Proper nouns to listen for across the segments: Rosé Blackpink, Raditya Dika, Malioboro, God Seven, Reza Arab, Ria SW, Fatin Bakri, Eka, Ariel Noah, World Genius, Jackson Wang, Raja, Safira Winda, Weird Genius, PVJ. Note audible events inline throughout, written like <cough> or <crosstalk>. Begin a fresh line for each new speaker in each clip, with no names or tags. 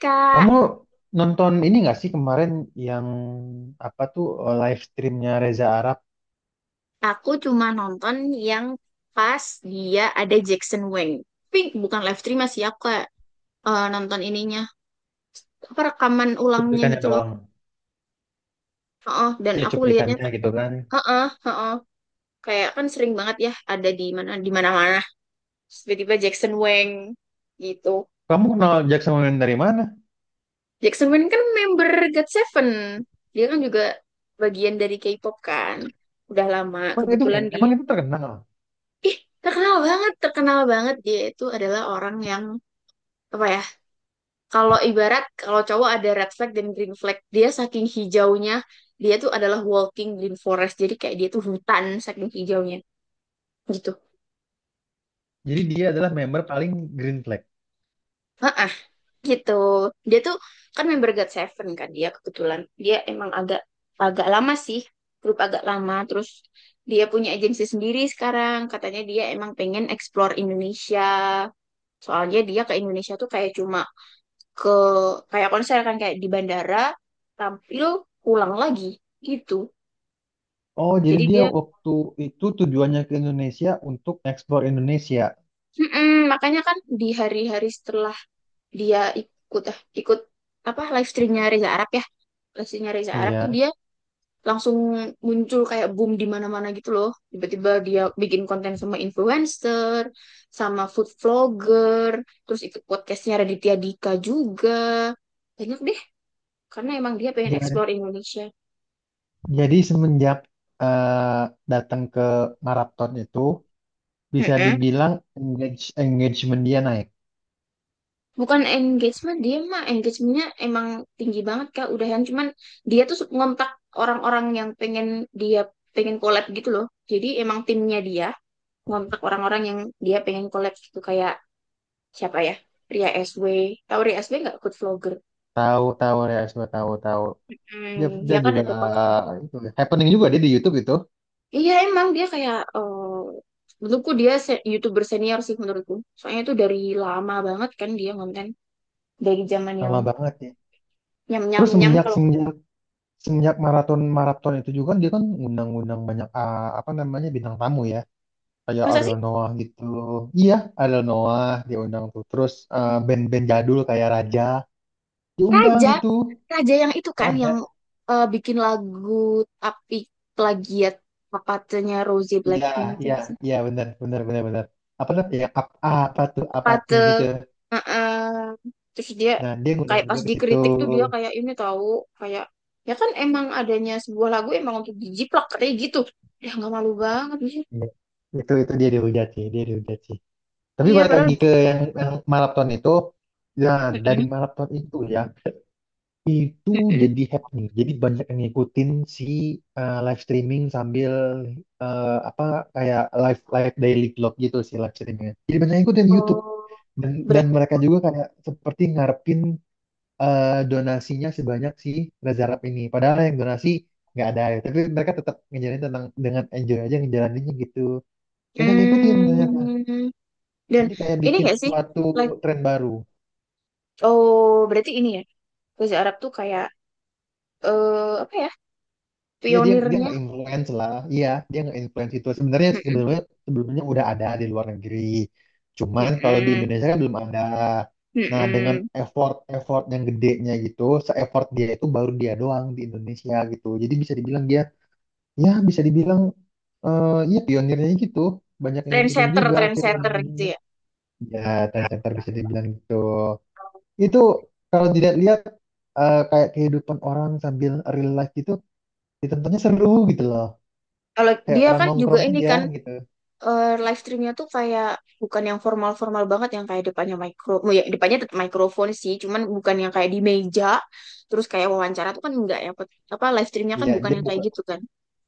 Kak,
Kamu nonton ini nggak sih kemarin yang apa tuh live streamnya Reza Arab?
aku cuma nonton yang pas dia ada Jackson Wang. Tapi bukan live stream sih, aku kayak nonton ininya. Apa rekaman ulangnya
Cuplikannya
gitu loh.
doang.
Heeh, dan
Ya
aku lihatnya
cuplikannya
kayak,
gitu kan.
heeh, heeh. Kayak kan sering banget ya ada di mana-mana. Terus tiba-tiba Jackson Wang gitu.
Kamu kenal Jackson Wang dari mana?
Jackson Wang kan member God Seven. Dia kan juga bagian dari K-pop kan. Udah lama
Emang itu
kebetulan dia.
emang itu terkenal.
Ih, terkenal banget, terkenal banget, dia itu adalah orang yang apa ya, kalau ibarat kalau cowok ada red flag dan green flag, dia saking hijaunya, dia tuh adalah walking green forest, jadi kayak dia tuh hutan saking hijaunya gitu.
Jadi dia adalah member paling Green Flag.
Heeh, gitu, dia tuh kan member God Seven kan, dia kebetulan dia emang agak agak lama sih, grup agak lama. Terus dia punya agensi sendiri sekarang, katanya dia emang pengen explore Indonesia, soalnya dia ke Indonesia tuh kayak cuma ke kayak konser kan, kayak di bandara tampil pulang lagi gitu.
Oh, jadi
Jadi
dia
dia
waktu itu tujuannya ke Indonesia untuk ekspor Indonesia.
mm-mm, makanya kan di hari-hari setelah dia ikut ikut apa live streamnya Reza Arab ya, live streamnya Reza Arab tuh
Iya.
dia langsung muncul kayak boom di mana-mana gitu loh, tiba-tiba dia bikin konten sama influencer, sama food vlogger, terus ikut podcastnya Raditya Dika juga, banyak deh, karena emang dia pengen
Ja-
explore Indonesia.
Jadi semenjak eh, datang ke Marathon itu bisa
Mm-mm.
dibilang engagement dia naik.
Bukan engagement, dia mah engagementnya emang tinggi banget Kak, udahan. Cuman dia tuh ngontak orang-orang yang pengen dia pengen collab gitu loh. Jadi emang timnya dia ngontak orang-orang yang dia pengen collab, gitu kayak siapa ya? Ria SW. Tahu Ria SW nggak? Good vlogger.
Tahu tahu ya, tahu tahu. Dia
Hmm,
dia
dia kan
juga,
ada konten gitu.
itu happening juga dia di YouTube itu.
Iya emang dia kayak menurutku dia YouTuber senior sih menurutku. Soalnya tuh dari lama banget kan dia konten dari zaman yang
Lama banget ya.
nyam nyam
Terus
nyam
semenjak
kalau
semenjak semenjak maraton maraton itu juga kan dia kan ngundang-ngundang banyak, apa namanya, bintang tamu ya. Kayak
masa sih.
Ariel Noah gitu. Iya, Ariel Noah dia undang tuh. Terus band-band jadul kayak Raja diundang
Raja,
itu.
Raja yang itu kan yang
Raja.
bikin lagu tapi plagiat papatenya Rosé
Iya,
Blackpink itu
iya,
nggak sih?
iya, benar, benar, benar, benar. Apa tuh? Ya, apa tuh? Apa tuh
Papate,
yang gitu.
eh, terus dia
Nah, dia ngundang
kayak pas
juga ke situ.
dikritik tuh dia kayak ini tahu kayak ya kan emang adanya sebuah lagu emang untuk dijiplak katanya gitu. Ya nggak malu banget sih.
Iya. Itu dia dihujat sih, dia dihujat sih. Tapi
Iya
balik lagi
padahal.
ke yang maraton itu, ya, dari
Mm-mm,
maraton itu ya, itu
mm-mm.
jadi happening. Jadi banyak yang ngikutin si, live streaming sambil, apa, kayak live live daily vlog gitu sih, live streamingnya. Jadi banyak yang ngikutin di YouTube,
Oh,
dan
ber-
dan mereka juga kayak seperti ngarepin donasinya sebanyak si Reza Arab ini. Padahal yang donasi nggak ada ya. Tapi mereka tetap ngejalanin tentang dengan enjoy aja ngejalaninnya gitu. Banyak yang ngikutin ternyata.
mm. Dan
Jadi kayak
ini
bikin
nggak sih?
suatu
Like,
tren baru.
oh berarti ini ya bahasa Arab tuh kayak eh apa ya?
Ya dia dia
Pionirnya
nggak influence lah. Iya, dia nggak influence itu. Sebenarnya
mm-mm,
sebelumnya sebelumnya udah ada di luar negeri. Cuman kalau di
mm-mm,
Indonesia kan belum ada. Nah, dengan
mm-mm,
effort effort yang gedenya gitu, se-effort dia itu baru dia doang di Indonesia gitu. Jadi bisa dibilang dia, ya bisa dibilang, ya pionirnya gitu. Banyak yang ngikutin
trendsetter
juga akhirnya
trendsetter gitu
ujung-ujungnya.
ya.
Ya, center bisa dibilang gitu. Itu kalau dilihat-lihat kayak kehidupan orang sambil real life gitu, ditontonnya seru gitu loh,
Kalau
kayak
dia
orang
kan juga
nongkrong
ini
aja
kan
gitu.
live streamnya tuh kayak bukan yang formal-formal banget yang kayak depannya mikro, oh ya depannya tetap mikrofon sih, cuman bukan yang kayak di meja terus kayak wawancara tuh kan enggak ya. Apa live streamnya kan
Iya
bukan
dia
yang kayak
buka,
gitu kan,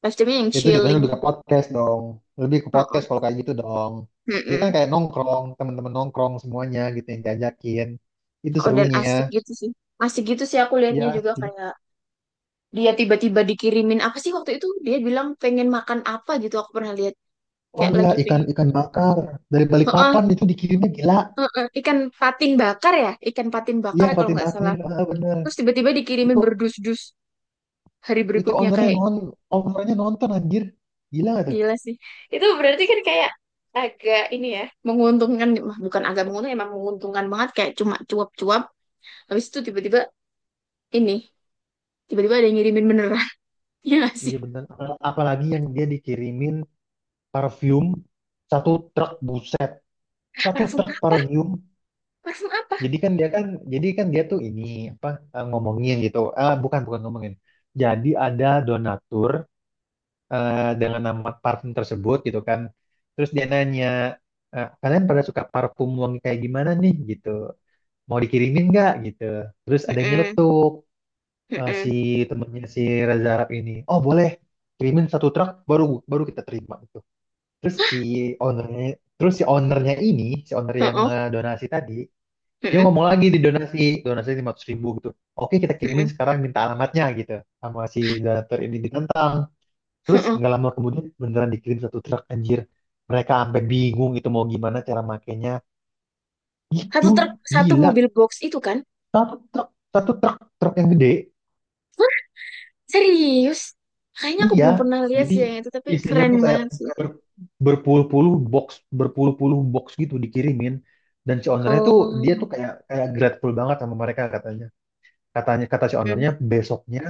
live streamnya yang
itu jatuhnya
chilling.
lebih ke podcast dong, lebih ke podcast kalau
Heeh,
kayak gitu dong. Dia kan
heeh,
kayak nongkrong teman-teman nongkrong semuanya gitu yang diajakin, itu
oh dan
serunya.
asik gitu sih, asik gitu sih aku liatnya
Ya
juga
sih.
kayak dia tiba-tiba dikirimin apa sih waktu itu dia bilang pengen makan apa gitu aku pernah lihat
Oh
kayak
ya,
lagi
ikan
pengen.
ikan bakar dari
Heeh,
Balikpapan itu dikirimnya, gila.
heeh. Ikan patin bakar ya, ikan patin bakar
Iya,
ya kalau
Fatin
nggak
Bakri,
salah.
bener.
Terus tiba-tiba dikirimin
itu
berdus-dus hari
itu
berikutnya,
ownernya
kayak
non ownernya nonton anjir, gila gak tuh.
gila sih. Itu berarti kan kayak agak ini ya, menguntungkan. Mah, bukan agak menguntungkan, emang menguntungkan banget, kayak cuma cuap-cuap habis itu tiba-tiba ini, tiba-tiba ada yang ngirimin beneran <laughs> ya nggak sih.
Iya bener. Apalagi yang dia dikirimin parfum satu truk, buset, satu
Parfum
truk
apa,
parfum.
parfum apa.
Jadi kan dia kan, jadi kan dia tuh ini apa, ngomongin gitu. Eh, bukan bukan ngomongin. Jadi ada donatur dengan nama parfum tersebut gitu kan. Terus dia nanya, kalian pada suka parfum wangi kayak gimana nih gitu. Mau dikirimin nggak gitu. Terus ada yang
Heeh,
nyeletuk, si
heeh,
temennya si Reza Arab ini. Oh boleh, kirimin satu truk baru baru kita terima gitu. Terus si ownernya, terus si ownernya ini, si owner yang,
heeh,
donasi tadi, dia
heeh,
ngomong lagi di donasi 500.000 gitu. Oke, kita
heeh,
kirimin sekarang, minta alamatnya gitu. Sama si donatur ini ditentang. Terus
heeh.
nggak lama kemudian beneran dikirim satu truk anjir. Mereka sampai bingung itu mau gimana cara makainya. Gitu,
Satu truk, satu
gila.
mobil box itu kan.
Satu truk, satu truk, truk yang gede.
Serius? Kayaknya aku
Iya,
belum pernah lihat
jadi
sih yang itu, tapi
isinya
keren
tuh kayak
banget sih.
ber- berpuluh-puluh box, berpuluh-puluh box gitu dikirimin. Dan si ownernya tuh dia
Oh,
tuh kayak kayak grateful banget sama mereka katanya. Katanya, kata si
mm.
ownernya besoknya,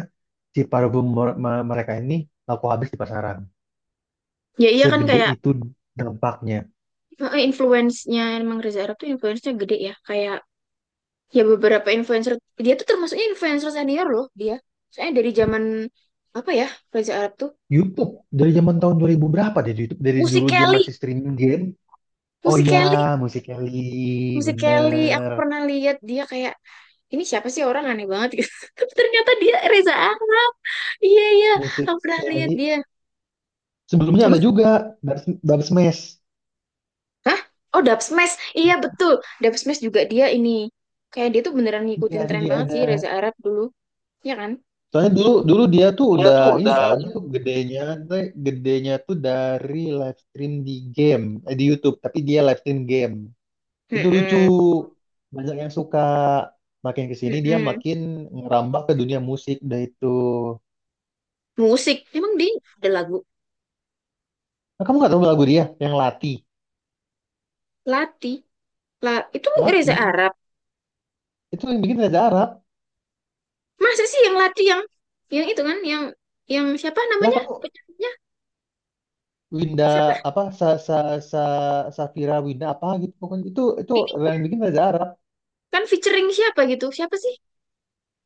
si parfum mereka ini laku habis di pasaran,
Ya iya kan
segede
kayak
itu dampaknya.
influence-nya emang Reza Arab tuh influence-nya gede ya. Kayak ya beberapa influencer, dia tuh termasuknya influencer senior loh dia. Soalnya dari zaman apa ya Reza Arab tuh?
YouTube dari zaman tahun 2000 berapa deh, YouTube dari
Musik
dulu dia
Kelly,
masih streaming game. Oh
musik
ya,
Kelly,
musik Kelly,
musik Kelly. Aku
bener,
pernah lihat dia kayak ini siapa sih orang aneh banget gitu. <laughs> Tapi ternyata dia Reza Arab. Iya iya,
musik
aku pernah lihat
Kelly.
dia.
Sebelumnya ada juga dari dari Smash.
Hah? Oh, Dub Smash. Iya, betul. Dub Smash juga dia ini. Kayak dia tuh beneran
Iya
ngikutin
ada
tren
juga,
banget
ada,
sih Reza Arab dulu. Iya kan?
soalnya dulu dulu dia tuh
Dia
udah
tuh
ini
udah
tau. Dia tuh gedenya gedenya tuh dari live stream di game, di YouTube, tapi dia live stream game. Itu lucu.
mm-mm.
Banyak yang suka. Makin ke sini dia
Mm-mm.
makin ngerambah ke dunia musik dah itu.
Musik. Emang dia ada lagu
Nah, kamu nggak tahu lagu dia yang Lati.
Lati. La itu Reza
Lati
Arab.
itu yang bikin Reza Arab.
Masa sih yang Lati, yang itu kan yang siapa
Lah
namanya?
kamu,
Penyanyinya
Winda
siapa?
apa, sa sa sa Safira Winda apa gitu pokoknya, itu
Ini
yang bikin Reza Arab,
kan featuring siapa gitu? Siapa sih?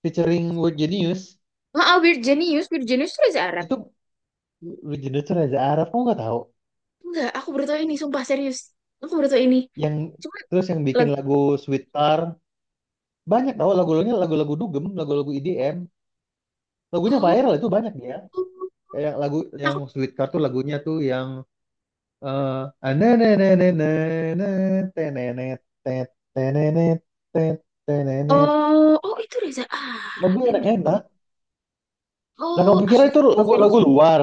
featuring World Genius
Maaf, Weird Genius. Weird Genius itu Reza Arab.
itu. World Genius itu Reza Arab, kamu nggak tahu?
Enggak, aku baru tahu ini, sumpah serius. Aku baru tahu ini.
yang
Cuma
Terus yang bikin
lagu
lagu Sweet Tar, banyak tahu lagu-lagunya, lagu-lagu dugem, lagu-lagu EDM, lagunya viral itu banyak dia. Kayak lagu
oh,
yang Sweet Card tuh, lagunya tuh yang eh anenenenenenen, tenenet, tet, tenenet, tet, tenenet.
oh, oh itu Reza Arab
Lebih
yang
enak
bikin.
enak dan kamu
Oh,
pikir
asli.
itu
Serius
lagu-lagu
sih.
luar.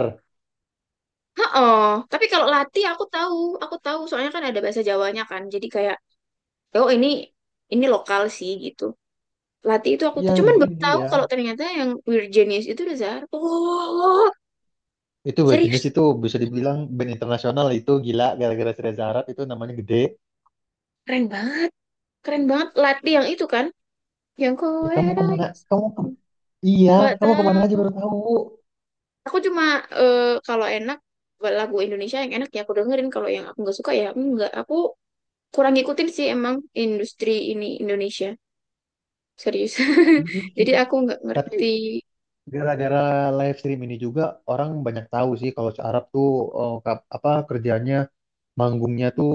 Oh, tapi kalau Lati aku tahu soalnya kan ada bahasa Jawanya kan. Jadi kayak oh ini lokal sih gitu. Lati itu aku
Iya,
tuh
yang
cuman baru
bikin
tahu
dia
kalau ternyata yang Weird Genius itu Reza Arab. Oh, oh,
itu band jenis
serius.
itu bisa dibilang band internasional itu, gila gara-gara si Reza Arab itu namanya gede.
Keren banget. Keren banget Lati yang itu kan. Yang
Ya
kowe
kamu kemana,
rasakan.
iya,
Nggak
kamu kemana aja
tahu.
baru tahu.
Aku cuma eh, kalau enak lagu Indonesia yang enak ya aku dengerin, kalau yang aku nggak suka ya enggak, aku kurang ngikutin sih emang industri ini Indonesia, serius <laughs>
Gitu.
jadi aku nggak
Tapi
ngerti.
gara-gara live stream ini juga, orang banyak tahu sih kalau si Arab tuh, apa kerjanya, manggungnya tuh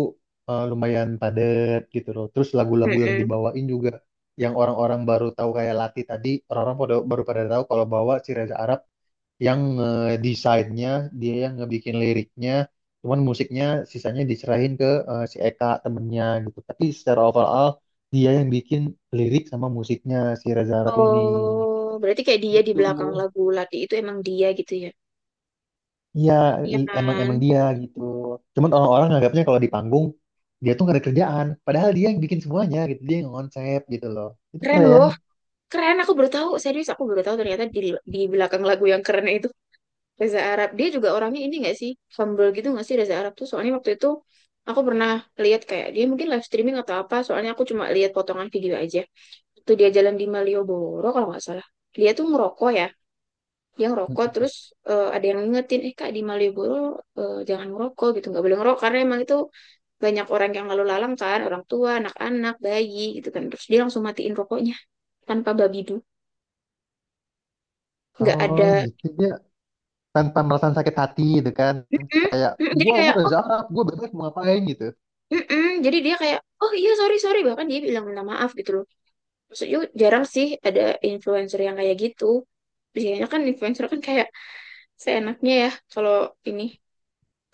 lumayan padat gitu loh. Terus lagu-lagu yang
Mm-mm.
dibawain juga, yang orang-orang baru tahu kayak Lati tadi, orang-orang baru pada tahu kalau bawa si Reza Arab yang, desainnya dia yang ngebikin liriknya, cuman musiknya sisanya diserahin ke, si Eka temennya gitu. Tapi secara overall dia yang bikin lirik sama musiknya si Reza Arab ini.
Oh berarti kayak dia di
Gitu.
belakang lagu Lati itu emang dia gitu ya.
Iya,
Iya
emang
kan,
emang dia gitu. Cuman orang-orang nganggapnya kalau di panggung dia tuh gak ada kerjaan, padahal dia yang bikin semuanya gitu, dia yang konsep gitu loh. Itu
keren
keren.
loh, keren. Aku baru tahu, serius, aku baru tahu ternyata di belakang lagu yang keren itu Reza Arab. Dia juga orangnya ini nggak sih, humble gitu nggak sih Reza Arab tuh? Soalnya waktu itu aku pernah lihat kayak dia mungkin live streaming atau apa, soalnya aku cuma lihat potongan video aja waktu dia jalan di Malioboro kalau nggak salah. Dia tuh ngerokok ya, dia ngerokok. Terus ada yang ngingetin eh kak di Malioboro jangan ngerokok gitu, nggak boleh ngerokok karena emang itu banyak orang yang lalu lalang kan, orang tua anak-anak bayi gitu kan. Terus dia langsung matiin rokoknya tanpa babidu, nggak
Oh
ada
gitu, dia tanpa merasa sakit hati gitu kan.
"Mm-mm,
Kayak,
mm-mm." Jadi
gua
kayak oh
Reza Arab, gua bebas mau ngapain gitu.
mm-mm." Jadi dia kayak oh iya sorry sorry, bahkan dia bilang minta maaf gitu loh. Maksudnya jarang sih ada influencer yang kayak gitu. Biasanya kan influencer kan kayak seenaknya ya kalau ini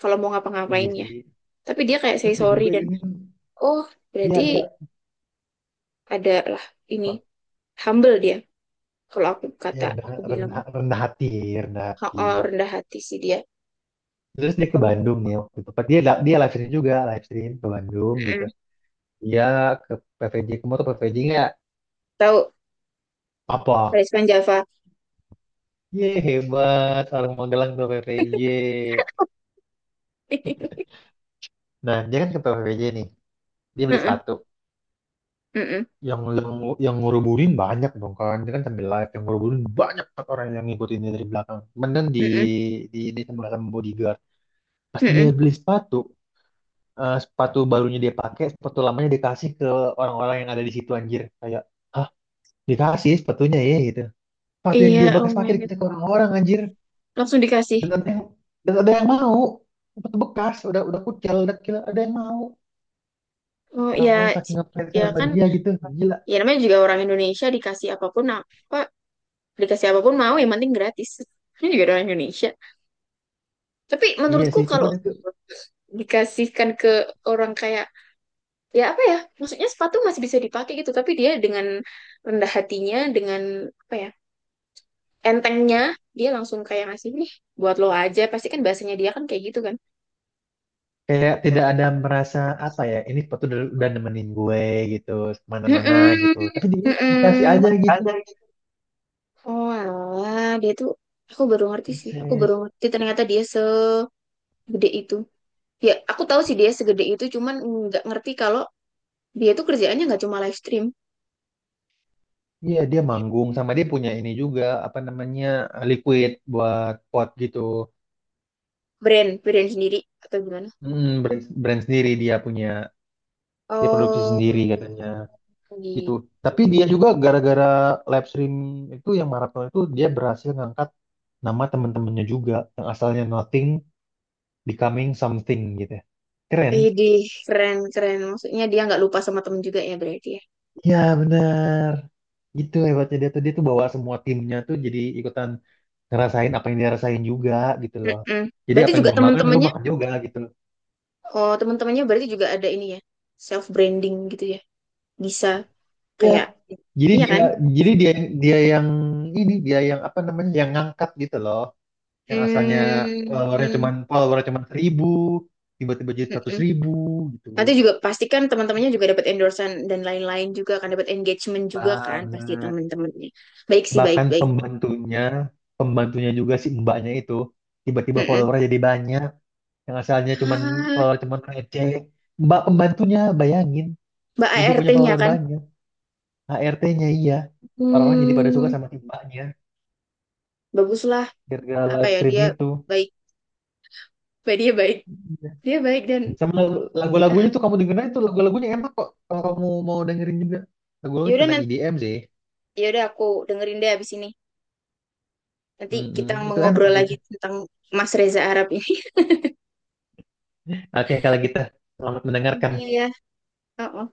kalau mau
Iya
ngapa-ngapain ya.
sih.
Tapi dia kayak say
Terus dia
sorry
juga
dan
ini,
oh berarti
dia dia
adalah ini
apa?
humble dia, kalau aku
Dia
kata
rendah,
aku bilang
rendah, rendah hati, rendah
oh,
hati.
oh, rendah hati sih dia.
Terus dia ke
Humble.
Bandung nih waktu itu. Dia dia live stream juga, live stream ke Bandung gitu. Dia ke PVJ ke motor PVJ nggak
Tahu
apa?
Rizwan Java <laughs>
Ye, hebat. Orang Magelang tuh PPJ. Nah, dia kan ke PPJ nih. Dia beli
mm-mm,
sepatu.
mm-mm,
Yang yang yang ngeruburin banyak dong kan. Dia kan sambil live yang ngeruburin banyak banget, orang yang ngikutin dia dari belakang. Kemudian kan di
mm-mm,
di ini sama bodyguard. Pas dia
mm-mm.
beli sepatu, sepatu barunya dia pakai, sepatu lamanya dikasih ke orang-orang yang ada di situ anjir. Kayak, ah, dikasih sepatunya ya? Gitu. Sepatu yang
Iya
dia
oh
bekas
my
pakai
god,
dikasih ke orang-orang anjir.
langsung dikasih.
Dan ada yang dan ada yang mau. Sepatu bekas, udah kucel, udah kira ada yang mau.
Oh
Orang-orang
ya,
saking ngefansnya
ya
sama
kan,
dia gitu, gila.
ya namanya juga orang Indonesia dikasih apapun apa, dikasih apapun mau yang penting gratis <laughs> ini juga orang Indonesia. Tapi
Iya
menurutku
sih,
kalau
cuman itu
dikasihkan ke orang kayak ya apa ya, maksudnya sepatu masih bisa dipakai gitu, tapi dia dengan rendah hatinya, dengan apa ya entengnya, dia langsung kayak ngasih nih buat lo aja, pasti kan bahasanya dia kan kayak gitu kan.
kayak tidak ada merasa apa ya, ini sepatu udah nemenin gue gitu kemana-mana
Mm-mm,
gitu, tapi dia dikasih
mm-mm.
aja gitu.
Oh alah dia tuh, aku baru ngerti sih, aku baru
Buset.
ngerti ternyata dia segede itu. Ya aku tahu sih dia segede itu, cuman nggak ngerti kalau dia tuh kerjaannya nggak cuma live stream.
Iya dia manggung, sama dia punya ini juga apa namanya, liquid buat pot gitu.
Brand brand sendiri atau gimana?
Mm, brand sendiri dia punya, dia produksi sendiri katanya
Oh
gitu.
gitu.
Tapi dia juga gara-gara live stream itu, yang maraton itu, dia berhasil ngangkat nama teman-temannya juga, yang asalnya nothing becoming something gitu ya. Keren.
Idih, keren keren. Maksudnya dia nggak lupa sama temen juga ya berarti ya.
Ya benar. Gitu hebatnya dia tuh. Dia tuh bawa semua timnya tuh jadi ikutan ngerasain apa yang dia rasain juga gitu loh.
Mm-mm.
Jadi
Berarti
apa yang
juga
gue makan lu
temen-temennya,
makan juga gitu loh.
oh temen-temennya berarti juga ada ini ya, self branding gitu ya. Bisa
Ya,
kayak,
jadi
iya
dia
kan?
jadi dia dia yang ini, dia yang apa namanya, yang ngangkat gitu loh. Yang asalnya
Hmm,
followernya
mm-mm.
cuman followernya cuman 1.000, tiba-tiba jadi 100.000 gitu
Nanti juga pastikan teman-temannya juga dapat endorsement dan lain-lain juga kan, dapat engagement juga kan pasti
banget.
teman-temannya. Baik sih,
Bahkan
baik baik.
pembantunya pembantunya juga, si mbaknya itu, tiba-tiba
Mm-mm.
followernya jadi banyak. Yang asalnya cuman
Ah,
follower cuman receh, mbak pembantunya bayangin
Mbak
jadi punya
ART-nya
follower
kan,
banyak. HRT-nya iya. Orang-orang jadi pada suka
hmm,
sama si mbaknya
baguslah
gara-gara
apa
live
ya
stream
dia
itu.
baik, dia baik,
Iya.
dia baik dan
Sama lagu-lagunya
eh,
tuh kamu dengerin, itu lagu-lagunya enak kok kalau kamu mau dengerin juga. Lagu-lagu
yaudah
tentang
nanti,
IDM sih.
yaudah aku dengerin deh abis ini. Nanti kita
Mm-mm, itu enak
ngobrol lagi
lagunya.
tentang Mas Reza Arab ini. <laughs>
Oke kalau gitu, selamat
Iya
mendengarkan.
ya. Oh, oh.